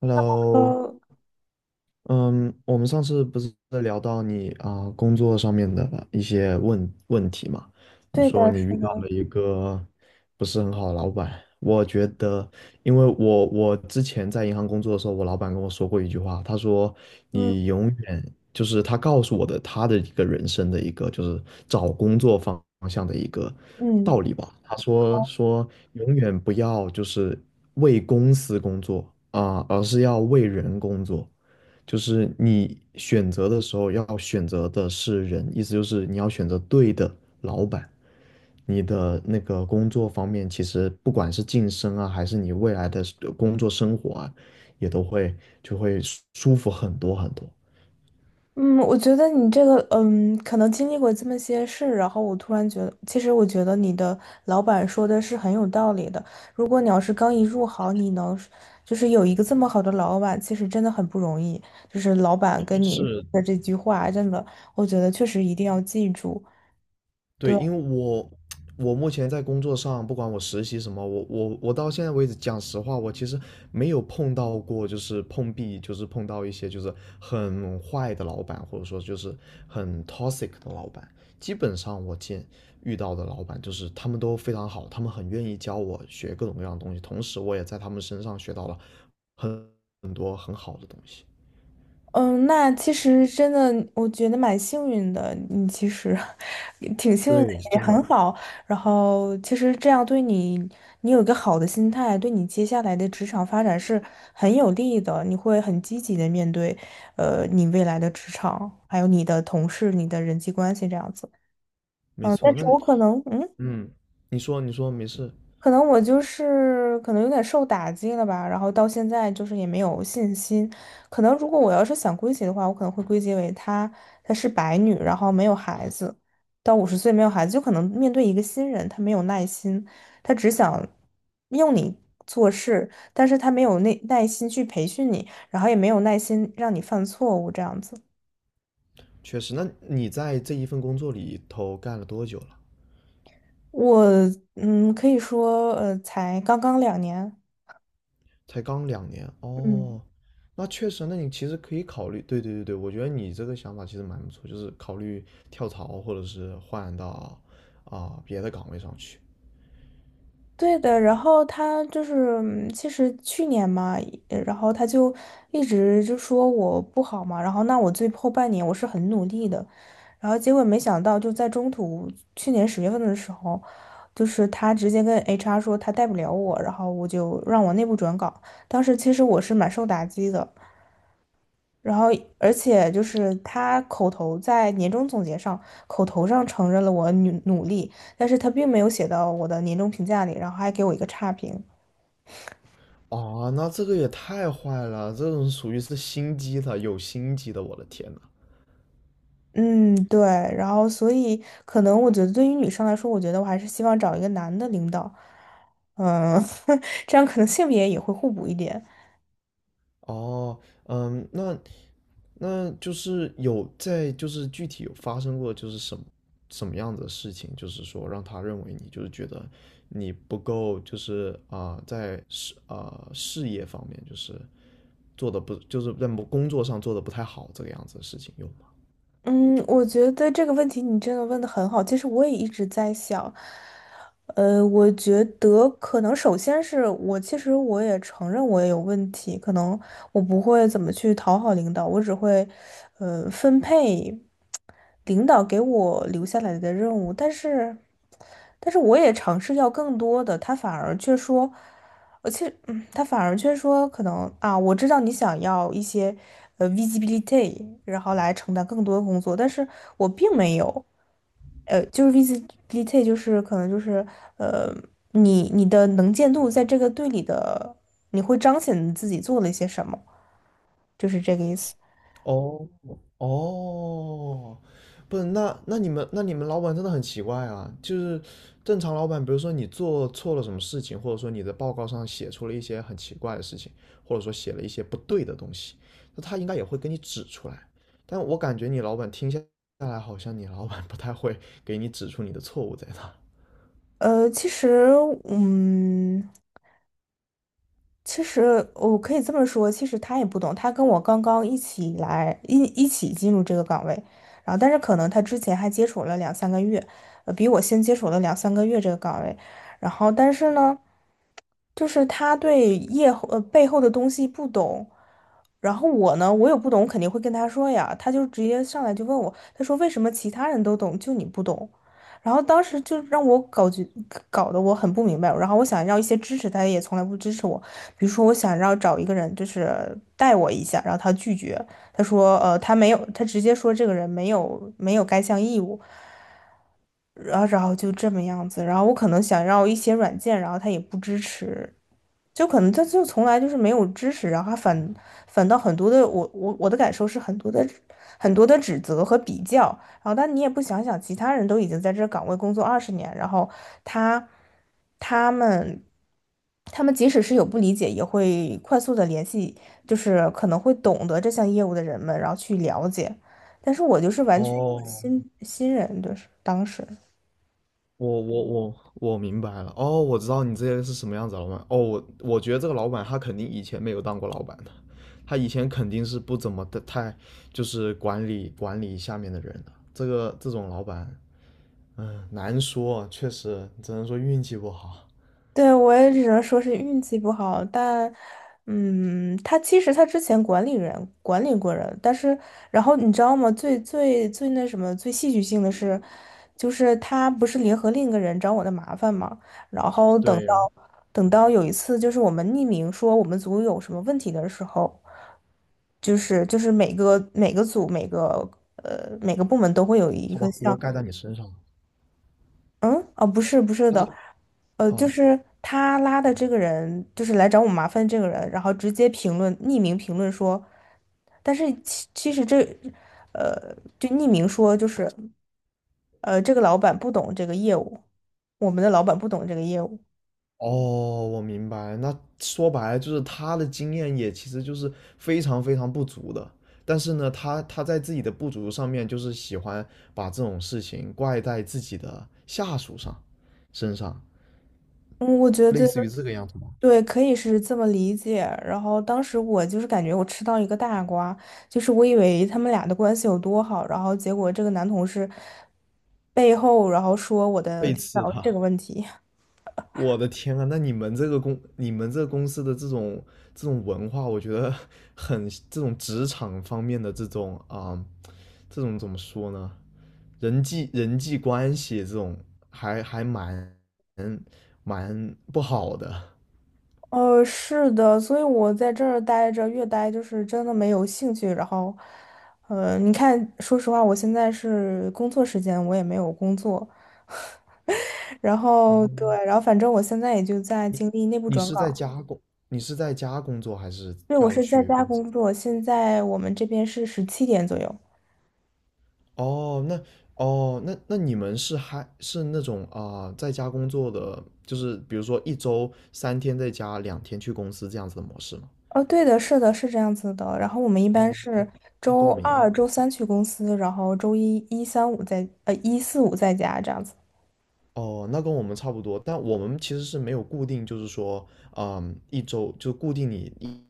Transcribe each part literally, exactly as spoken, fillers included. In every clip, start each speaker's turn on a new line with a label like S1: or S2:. S1: Hello，
S2: 呃，
S1: 嗯，我们上次不是在聊到你啊、工作上面的一些问问题嘛？你
S2: 对的，
S1: 说你
S2: 是
S1: 遇到
S2: 的，
S1: 了一个不是很好的老板。我觉得，因为我我之前在银行工作的时候，我老板跟我说过一句话。他说
S2: 嗯
S1: 你永远就是他告诉我的他的一个人生的一个就是找工作方向的一个
S2: 嗯
S1: 道理吧。他说说永远不要就是为公司工作啊、而是要为人工作。就是你选择的时候要选择的是人，意思就是你要选择对的老板。你的那个工作方面，其实不管是晋升啊，还是你未来的工作生活啊，也都会就会舒服很多很多。
S2: 嗯，我觉得你这个，嗯，可能经历过这么些事，然后我突然觉得，其实我觉得你的老板说的是很有道理的。如果你要是刚一入行，你能就是有一个这么好的老板，其实真的很不容易。就是老板跟你
S1: 是。
S2: 的这句话，真的，我觉得确实一定要记住。
S1: 对，因
S2: 对。
S1: 为我我目前在工作上，不管我实习什么，我我我到现在为止，讲实话，我其实没有碰到过，就是碰壁，就是碰到一些就是很坏的老板，或者说就是很 toxic 的老板。基本上我见遇到的老板，就是他们都非常好，他们很愿意教我学各种各样的东西，同时我也在他们身上学到了很很多很好的东西。
S2: 嗯，那其实真的，我觉得蛮幸运的。你其实 挺幸运的，
S1: 对，
S2: 也
S1: 真
S2: 很
S1: 的。
S2: 好。然后，其实这样对你，你有一个好的心态，对你接下来的职场发展是很有利的。你会很积极的面对，呃，你未来的职场，还有你的同事、你的人际关系这样子。
S1: 没
S2: 嗯，但
S1: 错。那
S2: 是
S1: 你
S2: 我可能，嗯。
S1: 嗯，你说你说没事。
S2: 可能我就是可能有点受打击了吧，然后到现在就是也没有信心。可能如果我要是想归结的话，我可能会归结为她她是白女，然后没有孩子，到五十岁没有孩子，就可能面对一个新人，她没有耐心，她只想用你做事，但是她没有耐耐心去培训你，然后也没有耐心让你犯错误这样子。
S1: 确实，那你在这一份工作里头干了多久了？
S2: 我嗯，可以说呃，才刚刚两年，
S1: 才刚两年
S2: 嗯。
S1: 哦。那确实，那你其实可以考虑。对对对对，我觉得你这个想法其实蛮不错，就是考虑跳槽或者是换到啊、别的岗位上去。
S2: 对的，然后他就是，嗯其实去年嘛，呃然后他就一直就说我不好嘛，然后那我最后半年我是很努力的，然后结果没想到就在中途，去年十月份的时候，就是他直接跟 H R 说他带不了我，然后我就让我内部转岗，当时其实我是蛮受打击的，然后，而且就是他口头在年终总结上，口头上承认了我努努力，但是他并没有写到我的年终评价里，然后还给我一个差评。
S1: 啊。那这个也太坏了，这种属于是心机的，有心机的，我的天呐。
S2: 嗯，对，然后所以可能我觉得对于女生来说，我觉得我还是希望找一个男的领导，嗯，这样可能性别也会互补一点。
S1: 哦，嗯，那那就是有在，就是具体有发生过，就是什么什么样子的事情，就是说让他认为你就是觉得你不够，就是啊、呃在事啊、呃事业方面就是做的不，就是在工作上做的不太好这个样子的事情有吗？
S2: 嗯，我觉得这个问题你真的问的很好。其实我也一直在想，呃，我觉得可能首先是我，其实我也承认我也有问题，可能我不会怎么去讨好领导，我只会，呃，分配。领导给我留下来的任务，但是，但是我也尝试要更多的，他反而却说，而且，嗯，他反而却说，可能啊，我知道你想要一些呃 visibility，然后来承担更多的工作，但是我并没有，呃，就是 visibility，就是可能就是呃，你你的能见度在这个队里的，你会彰显你自己做了一些什么，就是这个意思。
S1: 哦。哦，不是，那那你们那你们老板真的很奇怪啊！就是正常老板，比如说你做错了什么事情，或者说你的报告上写出了一些很奇怪的事情，或者说写了一些不对的东西，那他应该也会给你指出来。但我感觉你老板听下来，好像你老板不太会给你指出你的错误在哪。
S2: 呃，其实，嗯。其实我可以这么说，其实他也不懂，他跟我刚刚一起来一一起进入这个岗位，然后但是可能他之前还接触了两三个月，呃，比我先接触了两三个月这个岗位，然后但是呢，就是他对业后呃背后的东西不懂，然后我呢，我有不懂，我肯定会跟他说呀，他就直接上来就问我，他说为什么其他人都懂，就你不懂？然后当时就让我搞觉搞得我很不明白，然后我想要一些支持，他也从来不支持我。比如说，我想要找一个人，就是带我一下，然后他拒绝，他说，呃，他没有，他直接说这个人没有没有该项义务，然后然后就这么样子，然后我可能想要一些软件，然后他也不支持，就可能他就从来就是没有支持，然后他反反倒很多的，我我我的感受是很多的很多的指责和比较，然后但你也不想想，其他人都已经在这个岗位工作二十年，然后他他们。他们即使是有不理解，也会快速的联系，就是可能会懂得这项业务的人们，然后去了解。但是我就是完全一个
S1: 哦，
S2: 新新人，就是当时。
S1: 我我我我明白了。哦，我知道你这些是什么样子的老板。哦，我我觉得这个老板他肯定以前没有当过老板的，他以前肯定是不怎么的太就是管理管理下面的人的，这个这种老板。嗯，难说，确实只能说运气不好。
S2: 对，我也只能说是运气不好，但，嗯，他其实他之前管理人管理过人，但是，然后你知道吗？最最最那什么，最戏剧性的是，就是他不是联合另一个人找我的麻烦嘛，然后等
S1: 对，
S2: 到
S1: 然后
S2: 等到有一次，就是我们匿名说我们组有什么问题的时候，就是就是每个每个组每个呃每个部门都会有一
S1: 他把
S2: 个
S1: 锅
S2: 像
S1: 盖在你身上了。
S2: 嗯，哦，不是不是
S1: 他
S2: 的，
S1: 是
S2: 呃，就
S1: 哦，
S2: 是他拉的这个人，就是来找我麻烦这个人，然后直接评论，匿名评论说，但是其其实这，呃，就匿名说就是，呃，这个老板不懂这个业务，我们的老板不懂这个业务。
S1: 哦，我明白。那说白了就是他的经验也其实就是非常非常不足的，但是呢，他他在自己的不足上面，就是喜欢把这种事情怪在自己的下属上身上，
S2: 嗯，我觉得。
S1: 类似于这个样子吗？
S2: 对，可以是这么理解。然后当时我就是感觉我吃到一个大瓜，就是我以为他们俩的关系有多好，然后结果这个男同事背后然后说我的
S1: 背
S2: 领
S1: 刺
S2: 导
S1: 他。
S2: 这个问题。
S1: 我的天啊，那你们这个公你们这个公司的这种这种文化，我觉得很这种职场方面的这种啊、这种怎么说呢？人际人际关系这种还还蛮蛮不好的。
S2: 呃，是的，所以我在这儿待着，越待就是真的没有兴趣。然后，呃，你看，说实话，我现在是工作时间，我也没有工作。然
S1: 哦，
S2: 后对，然后反正我现在也就在
S1: 你
S2: 经历内部
S1: 你
S2: 转
S1: 是在
S2: 岗。
S1: 家工，你是在家工作还是
S2: 对，我
S1: 要
S2: 是在
S1: 去
S2: 家
S1: 工作？
S2: 工作，现在我们这边是十七点左右。
S1: 哦，那哦，那那你们是还是那种啊、在家工作的，就是比如说一周三天在家，两天去公司这样子的模式吗？
S2: 哦，对的，是的，是这样子的。然后我们一般
S1: 哦，那
S2: 是
S1: 那
S2: 周
S1: 跟我们一
S2: 二、
S1: 样。
S2: 周三去公司，然后周一、一三五在，呃，一四五在家这样子。
S1: 哦，那跟我们差不多，但我们其实是没有固定，就是说，嗯，一周就固定你一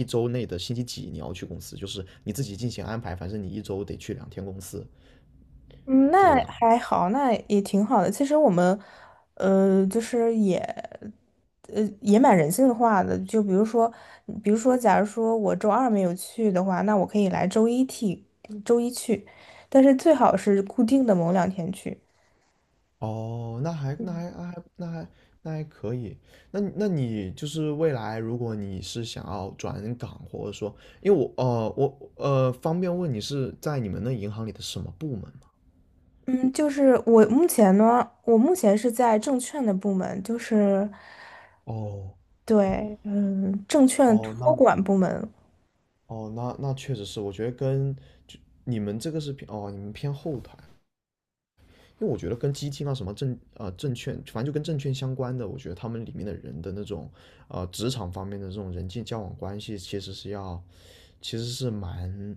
S1: 一周内的星期几你要去公司，就是你自己进行安排，反正你一周得去两天公司，
S2: 嗯，
S1: 这
S2: 那
S1: 个样。
S2: 还好，那也挺好的。其实我们，呃，就是也，呃，也蛮人性化的。就比如说，比如说，假如说我周二没有去的话，那我可以来周一替周一去，但是最好是固定的某两天去。
S1: 哦，那还那还那还那还那还可以。那你那你就是未来，如果你是想要转岗，或者说，因为我呃我呃方便问你是在你们那银行里的什么部门吗？
S2: 嗯，就是我目前呢，我目前是在证券的部门，就是
S1: 哦。
S2: 对，嗯，证券
S1: 哦，
S2: 托
S1: 那
S2: 管部门。
S1: 哦，那那确实是，我觉得跟就你们这个是偏哦，你们偏后台，因为我觉得跟基金啊什么证呃证券，反正就跟证券相关的，我觉得他们里面的人的那种呃职场方面的这种人际交往关系，其实是要其实是蛮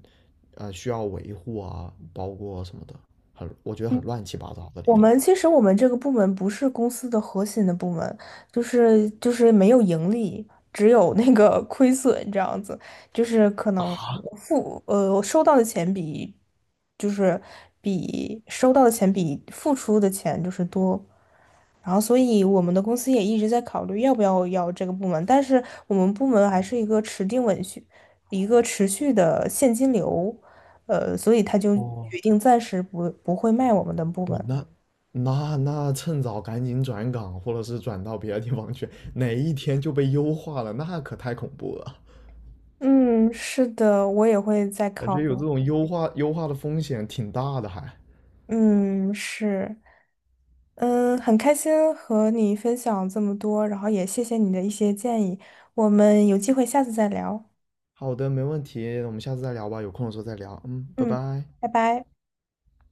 S1: 呃需要维护啊，包括什么的，很我觉得很乱七八糟的里
S2: 我
S1: 头。
S2: 们其实我们这个部门不是公司的核心的部门，就是就是没有盈利，只有那个 亏损这样子，就是可能
S1: 啊，
S2: 我付呃我收到的钱比就是比收到的钱比付出的钱就是多，然后所以我们的公司也一直在考虑要不要要这个部门，但是我们部门还是一个持定稳续，一个持续的现金流，呃，所以他就
S1: 哦，
S2: 决定暂时不不会卖我们的部
S1: 我
S2: 门。
S1: 那那那趁早赶紧转岗，或者是转到别的地方去，哪一天就被优化了，那可太恐怖了。
S2: 嗯，是的，我也会再
S1: 感觉
S2: 考
S1: 有
S2: 虑。
S1: 这种优化优化的风险挺大的还。
S2: 嗯，是，嗯，很开心和你分享这么多，然后也谢谢你的一些建议，我们有机会下次再聊。
S1: 好的，没问题，我们下次再聊吧，有空的时候再聊。嗯，拜
S2: 嗯，
S1: 拜。
S2: 拜拜。